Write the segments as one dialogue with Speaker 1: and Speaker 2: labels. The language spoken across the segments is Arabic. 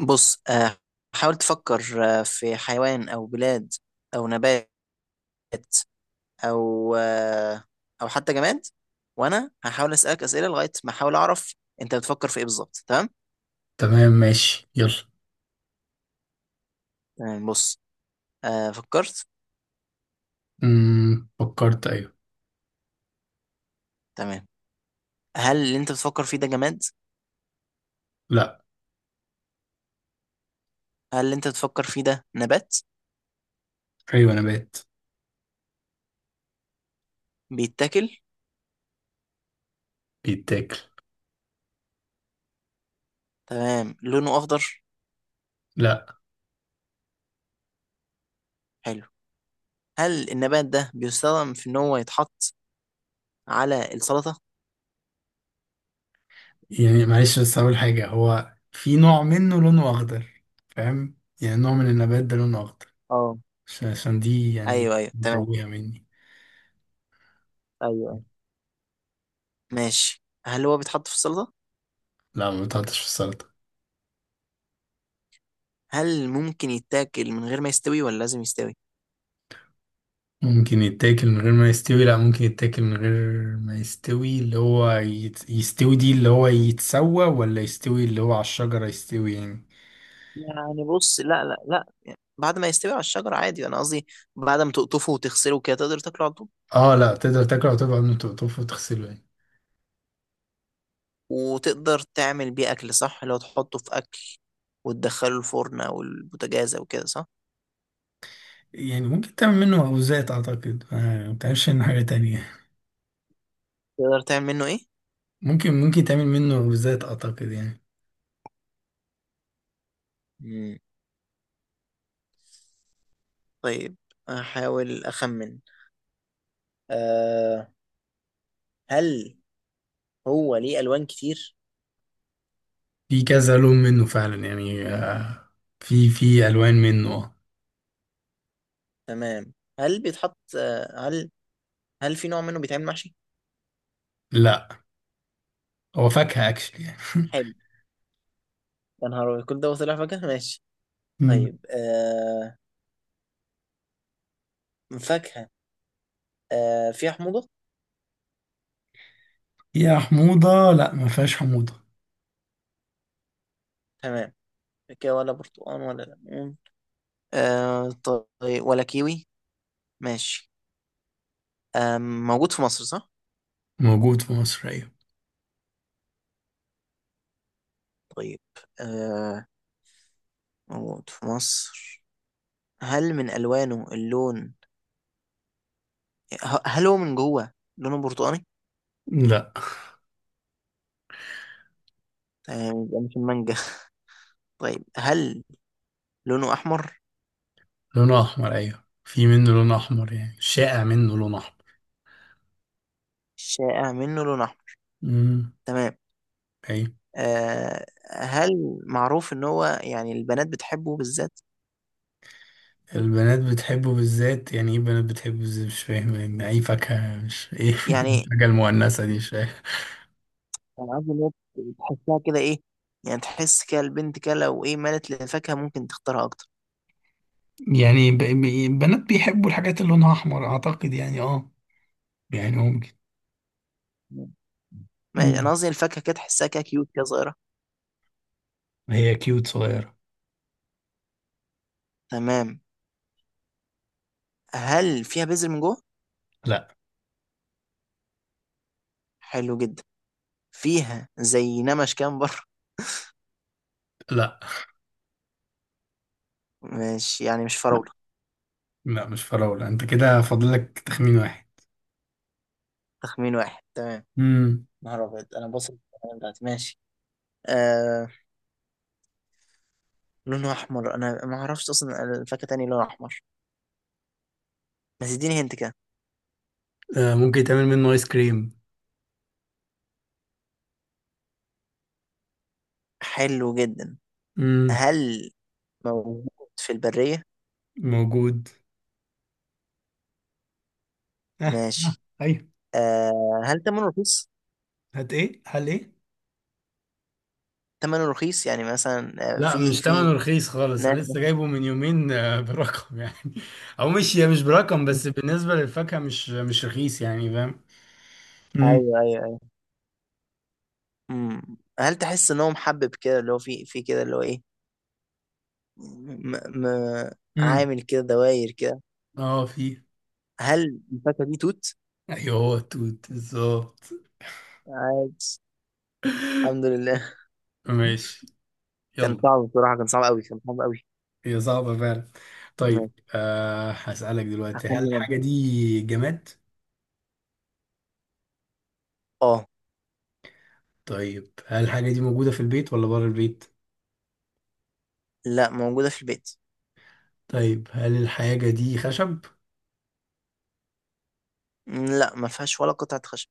Speaker 1: بص، حاول تفكر، في حيوان أو بلاد أو نبات أو آه، أو حتى جماد. وأنا هحاول أسألك أسئلة لغاية ما أحاول أعرف أنت بتفكر في إيه بالظبط. تمام؟
Speaker 2: تمام، ماشي، يلا.
Speaker 1: تمام، بص. فكرت.
Speaker 2: فكرت، ايوه.
Speaker 1: تمام. هل اللي أنت بتفكر فيه ده جماد؟
Speaker 2: لا.
Speaker 1: هل اللي أنت بتفكر فيه ده نبات؟
Speaker 2: ايوه، نبات.
Speaker 1: بيتاكل؟
Speaker 2: بيتاكل.
Speaker 1: تمام، لونه أخضر؟
Speaker 2: لا.
Speaker 1: حلو. هل النبات ده بيستخدم في إن هو يتحط على السلطة؟
Speaker 2: يعني معلش، بس اقول حاجه، هو في نوع منه لونه اخضر. فاهم؟ يعني نوع من النبات ده لونه اخضر.
Speaker 1: اه،
Speaker 2: عشان دي يعني
Speaker 1: أيوه أيوه، تمام.
Speaker 2: متوهه مني.
Speaker 1: أيوه أيوه، ماشي. هل هو بيتحط في السلطة؟
Speaker 2: لا، ما بتحطش في السلطه.
Speaker 1: هل ممكن يتاكل من غير ما يستوي ولا لازم يستوي؟
Speaker 2: ممكن يتاكل من غير ما يستوي، لا، ممكن يتاكل من غير ما يستوي، اللي هو يستوي دي، اللي هو يتسوى ولا يستوي، اللي هو على الشجره يستوي يعني.
Speaker 1: يعني بص، لا لا لا، يعني بعد ما يستوي على الشجرة عادي، انا قصدي بعد ما تقطفه وتغسله كده تقدر تاكله على طول.
Speaker 2: اه، لا، تقدر تاكله وتبقى من تقطفه وتغسله يعني.
Speaker 1: وتقدر تعمل بيه اكل صح؟ لو تحطه في اكل وتدخله الفرن او البوتاجاز او كده صح؟
Speaker 2: يعني ممكن تعمل منه مخبوزات اعتقد، ما بتعملش منه حاجة تانية.
Speaker 1: تقدر تعمل منه ايه؟
Speaker 2: ممكن تعمل منه مخبوزات اعتقد يعني.
Speaker 1: مم. طيب، احاول اخمن. أه هل هو ليه الوان كتير؟
Speaker 2: في كذا لون منه فعلا يعني، في الوان منه.
Speaker 1: تمام. هل بيتحط، هل، في نوع منه بيتعمل محشي؟
Speaker 2: لا، هو فاكهة اكشلي يعني.
Speaker 1: حلو. يا نهار أبيض، كل ده وطلع فجأة! ماشي،
Speaker 2: مم.
Speaker 1: طيب. فاكهة، فيها حموضة؟
Speaker 2: يا حموضة، لا، ما فيهاش حموضة.
Speaker 1: تمام، كده ولا برتقال ولا ليمون، آه طيب ولا كيوي؟ ماشي، موجود في مصر صح؟
Speaker 2: موجود في مصر، ايوه.
Speaker 1: طيب، آه موجود في مصر. هل من ألوانه اللون، هل هو من جوه لونه برتقاني؟
Speaker 2: لا.
Speaker 1: تمام، يبقى مش المانجا. طيب، هل لونه أحمر؟
Speaker 2: لونه احمر، ايوه، في منه لون احمر، يعني شائع منه لون احمر.
Speaker 1: الشائع منه لون أحمر.
Speaker 2: امم.
Speaker 1: تمام. هل معروف إن هو يعني البنات بتحبه بالذات؟
Speaker 2: البنات بتحبه بالذات؟ يعني ايه البنات بتحبه بالذات؟ مش فاهم يعني اي فاكهة، مش ايه. إيه
Speaker 1: يعني
Speaker 2: الحاجة المؤنثة دي؟ مش فاهم.
Speaker 1: الألعاب اللي هي تحسها كده إيه، يعني تحس كده البنت كده لو إيه مالت للفاكهة ممكن تختارها أكتر.
Speaker 2: يعني البنات بيحبوا الحاجات اللي لونها احمر اعتقد، يعني اه، يعني ممكن.
Speaker 1: أنا
Speaker 2: مم.
Speaker 1: قصدي الفاكهة كده تحسها كده كيوت كده، صغيرة.
Speaker 2: هي كيوت صغيرة.
Speaker 1: تمام، هل فيها بذر من جوه؟
Speaker 2: لا،
Speaker 1: حلو جدا. فيها زي نمش كده من بره؟
Speaker 2: لا،
Speaker 1: مش يعني، مش فراولة.
Speaker 2: لا، مش فراولة، انت كده فاضلك تخمين واحد.
Speaker 1: تخمين واحد، تمام.
Speaker 2: امم.
Speaker 1: نهار أبيض، أنا بصل بتاعتي. ماشي. آه لونها أحمر، أنا ما أعرفش أصلا الفاكهة تاني لونها أحمر، بس اديني هنت كده.
Speaker 2: ممكن تعمل منه ايس كريم.
Speaker 1: حلو جدا.
Speaker 2: امم.
Speaker 1: هل موجود في البرية؟
Speaker 2: موجود. آه. آه.
Speaker 1: ماشي.
Speaker 2: ايوه.
Speaker 1: هل ثمنه رخيص؟
Speaker 2: هات ايه؟ هل ايه؟
Speaker 1: ثمنه رخيص يعني مثلا،
Speaker 2: لا،
Speaker 1: في
Speaker 2: مش
Speaker 1: في
Speaker 2: تمنه رخيص خالص، انا
Speaker 1: ناس.
Speaker 2: لسه جايبه من يومين، برقم يعني. او مش برقم، بس بالنسبه للفاكهه مش رخيص، يعني فاهم؟ امم.
Speaker 1: ايوه ايوه ايوه. مم. هل تحس ان هو محبب كده، اللي هو في كده اللي هو ايه، م... م...
Speaker 2: امم.
Speaker 1: عامل كده دواير كده؟
Speaker 2: اه، في.
Speaker 1: هل الفاكهه دي توت؟
Speaker 2: ايوه، هو التوت بالظبط.
Speaker 1: عادي. الحمد لله.
Speaker 2: ماشي.
Speaker 1: كان
Speaker 2: يلا.
Speaker 1: صعب بصراحه، كان صعب قوي، كان صعب قوي.
Speaker 2: هي صعبه فعلا. طيب،
Speaker 1: ماشي.
Speaker 2: هسألك دلوقتي، هل
Speaker 1: هخمن انا.
Speaker 2: الحاجه دي جماد؟
Speaker 1: اه.
Speaker 2: طيب، هل الحاجه دي موجوده في البيت ولا بره البيت؟
Speaker 1: لا، موجوده في البيت.
Speaker 2: طيب، هل الحاجه دي خشب؟
Speaker 1: لا، ما فيهاش ولا قطعه خشب.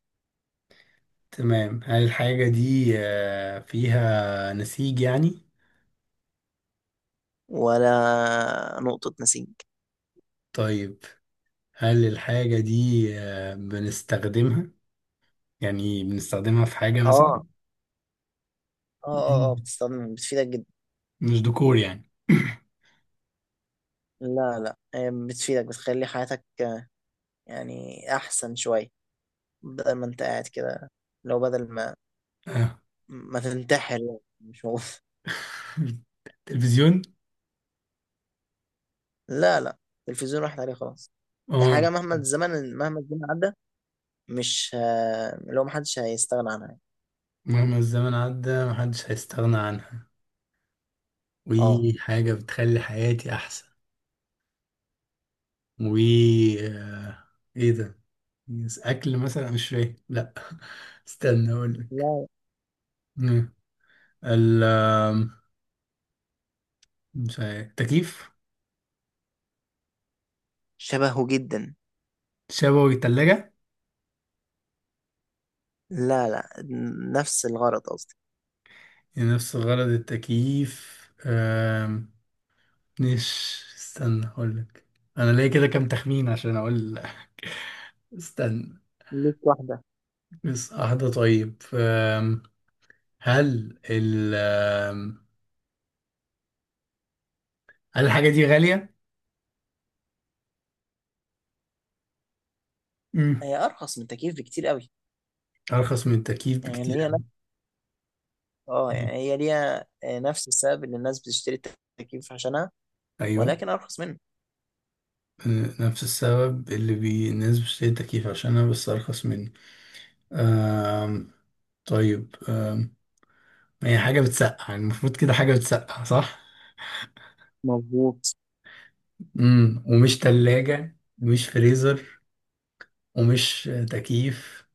Speaker 2: تمام، هل الحاجه دي فيها نسيج يعني؟
Speaker 1: ولا نقطه نسيج.
Speaker 2: طيب، هل الحاجة دي بنستخدمها، يعني بنستخدمها في حاجة
Speaker 1: اه،
Speaker 2: مثلا؟
Speaker 1: اه اه اه، بتستخدم بتفيدك جدا.
Speaker 2: مش ديكور يعني.
Speaker 1: لا لا، هي بتفيدك، بتخلي حياتك، يعني أحسن شوية، بدل ما أنت قاعد كده، لو بدل ما
Speaker 2: آه.
Speaker 1: ما تنتحر يعني، مش هو.
Speaker 2: تلفزيون.
Speaker 1: لا لا، التلفزيون راحت عليه خلاص. هي
Speaker 2: اه،
Speaker 1: حاجة مهما الزمن عدى، مش لو محدش هيستغنى عنها يعني.
Speaker 2: مهما الزمن عدى محدش هيستغنى عنها،
Speaker 1: اه،
Speaker 2: وحاجة بتخلي حياتي أحسن، و آه، إيه ده؟ أكل مثلا؟ مش فاهم، لأ. استنى أقولك.
Speaker 1: لا،
Speaker 2: مم. ال آم، مش عارف، تكييف.
Speaker 1: شبهه جدا.
Speaker 2: شبوي تلاجة.
Speaker 1: لا لا، نفس الغرض قصدي.
Speaker 2: نفس غرض التكييف، مش، استنى اقولك. انا ليا كده كام تخمين عشان اقول لك. استنى،
Speaker 1: ليك واحدة.
Speaker 2: بس واحدة. طيب، هل ال أم، هل الحاجة دي غالية؟ مم.
Speaker 1: هي أرخص من التكييف بكتير قوي.
Speaker 2: أرخص من التكييف
Speaker 1: يعني اللي
Speaker 2: بكتير
Speaker 1: هي
Speaker 2: أوي.
Speaker 1: نفس، اه،
Speaker 2: مم.
Speaker 1: يعني هي ليها نفس السبب اللي الناس بتشتري التكييف عشانها،
Speaker 2: أيوه.
Speaker 1: ولكن أرخص منه.
Speaker 2: نفس السبب اللي الناس بتشتري التكييف عشانها، بس أرخص مني. أم... طيب، هي حاجة بتسقع، المفروض كده، حاجة بتسقع، صح؟
Speaker 1: مظبوط.
Speaker 2: امم، ومش تلاجة، مش فريزر، ومش تكييف،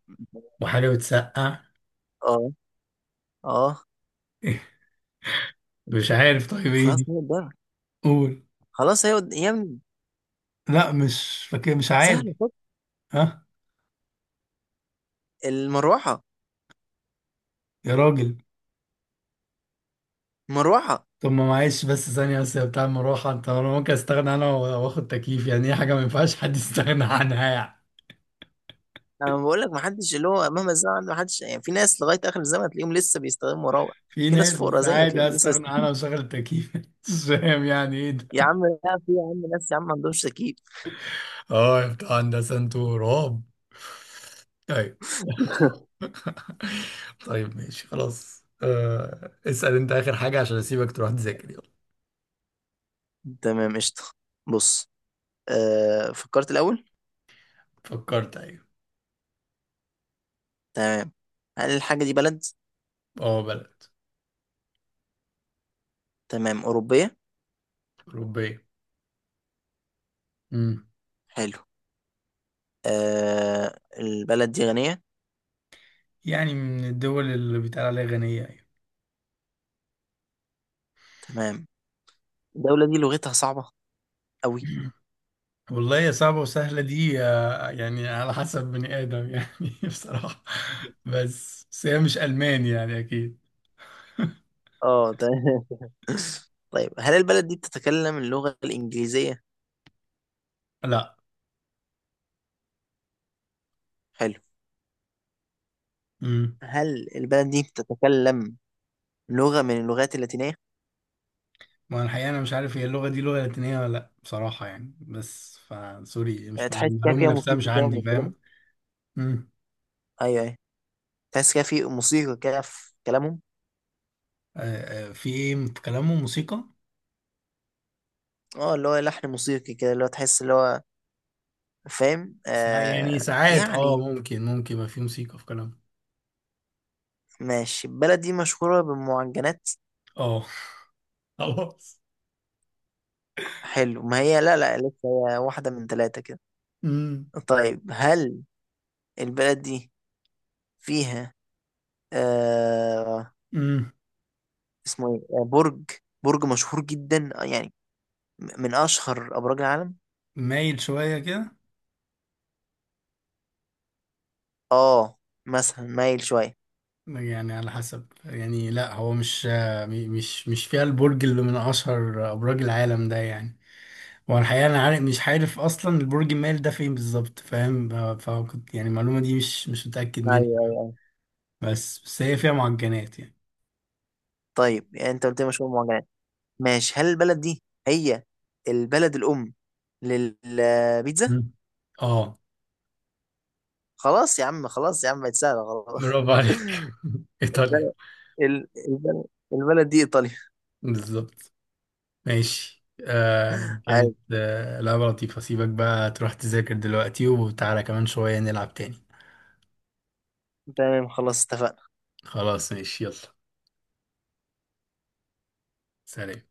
Speaker 2: وحاجة بتسقع.
Speaker 1: اه، اه،
Speaker 2: إيه؟ مش عارف، طيب ايه
Speaker 1: خلاص
Speaker 2: دي؟
Speaker 1: هي الدرع،
Speaker 2: قول.
Speaker 1: خلاص هي يا ابني
Speaker 2: لا، مش فاكر، مش عارف.
Speaker 1: سهله فك.
Speaker 2: ها.
Speaker 1: المروحه.
Speaker 2: يا راجل.
Speaker 1: المروحه.
Speaker 2: طب، ما معلش بس ثانية، بس يا بتاع المروحة، انت انا ممكن استغنى انا واخد تكييف، يعني ايه حاجة ما ينفعش حد يستغنى عنها يعني.
Speaker 1: انا بقول لك ما حدش، اللي هو مهما الزمن عنده ما حدش يعني، في ناس لغايه اخر الزمن تلاقيهم لسه بيستخدموا مراوح.
Speaker 2: في
Speaker 1: في ناس فقراء
Speaker 2: ناس
Speaker 1: زي
Speaker 2: عادي
Speaker 1: تلاقيهم لسه
Speaker 2: استغنى عنها وشغل التكييف، مش فاهم يعني ايه
Speaker 1: يا
Speaker 2: ده.
Speaker 1: عم لا، في يا عم ناس يا عم ما عندهمش تكييف.
Speaker 2: اه، يا بتاع هندسة، انتوا رعب. طيب. طيب، ماشي، خلاص، اسأل انت اخر حاجة عشان اسيبك تروح تذاكر، يلا.
Speaker 1: تمام، قشطه. بص، فكرت الاول.
Speaker 2: فكرت، ايوه.
Speaker 1: تمام. هل الحاجه دي بلد؟
Speaker 2: اه، بلد.
Speaker 1: تمام، اوروبيه.
Speaker 2: اوروبية. امم.
Speaker 1: حلو. البلد دي غنيه؟
Speaker 2: يعني من الدول اللي بيتقال عليها غنية يعني.
Speaker 1: تمام. الدوله دي لغتها صعبه قوي؟
Speaker 2: والله، يا صعبة وسهلة دي، يعني على حسب بني آدم يعني، بصراحة. بس هي مش ألماني يعني، أكيد.
Speaker 1: اه، تمام. طيب، هل البلد دي بتتكلم اللغة الإنجليزية؟
Speaker 2: لا.
Speaker 1: حلو.
Speaker 2: امم.
Speaker 1: هل البلد دي بتتكلم لغة من اللغات اللاتينية؟
Speaker 2: ما أنا الحقيقة، أنا مش عارف هي اللغة دي لغة لاتينية ولا لأ، بصراحة يعني، بس فسوري
Speaker 1: يعني
Speaker 2: مش معلومة،
Speaker 1: تحس كده
Speaker 2: المعلومة
Speaker 1: فيها
Speaker 2: نفسها مش
Speaker 1: موسيقى كده
Speaker 2: عندي،
Speaker 1: وهم بيتكلموا؟
Speaker 2: فاهم؟
Speaker 1: أيوه أيوه. تحس كده في موسيقى كده في كلامهم؟
Speaker 2: آه، آه، في ايه، في كلامه موسيقى.
Speaker 1: اه، اللي هو لحن موسيقي كده، اللي هو تحس، اللي هو فاهم؟
Speaker 2: يعني ساعات، اه،
Speaker 1: يعني
Speaker 2: ممكن ما في موسيقى في كلامه.
Speaker 1: ماشي. البلد دي مشهورة بالمعجنات؟
Speaker 2: اه. خلاص.
Speaker 1: حلو. ما هي لا لا، لسه هي واحدة من ثلاثة كده.
Speaker 2: امم.
Speaker 1: طيب، هل البلد دي فيها، آه
Speaker 2: امم.
Speaker 1: اسمه ايه، برج، برج مشهور جدا، يعني من اشهر ابراج العالم.
Speaker 2: مايل شوية كده.
Speaker 1: اه، مثلا مايل شويه.
Speaker 2: يعني على حسب، يعني لا، هو مش، مش فيها البرج اللي من اشهر ابراج العالم ده يعني. هو الحقيقة انا مش عارف اصلا البرج المايل ده فين بالظبط، فاهم؟ فكنت يعني المعلومة دي مش متأكد منها
Speaker 1: ايوه
Speaker 2: يعني.
Speaker 1: ايوه.
Speaker 2: بس هي فيها معجنات يعني.
Speaker 1: طيب يعني انت قلت لي مشهور معجنات. ماشي، هل البلد دي هي البلد الام للبيتزا؟
Speaker 2: مم. اه،
Speaker 1: خلاص يا عم، خلاص يا عم، بقت سهله خلاص.
Speaker 2: برافو عليك. ايطاليا.
Speaker 1: البلد، ال- البلد البلد دي ايطاليا.
Speaker 2: بالظبط. ماشي، كانت
Speaker 1: عادي.
Speaker 2: لعبة لطيفة، سيبك بقى تروح تذاكر دلوقتي وتعالى كمان شوية نلعب تاني.
Speaker 1: تمام، خلاص اتفقنا.
Speaker 2: خلاص، ماشي، يلا. سلام.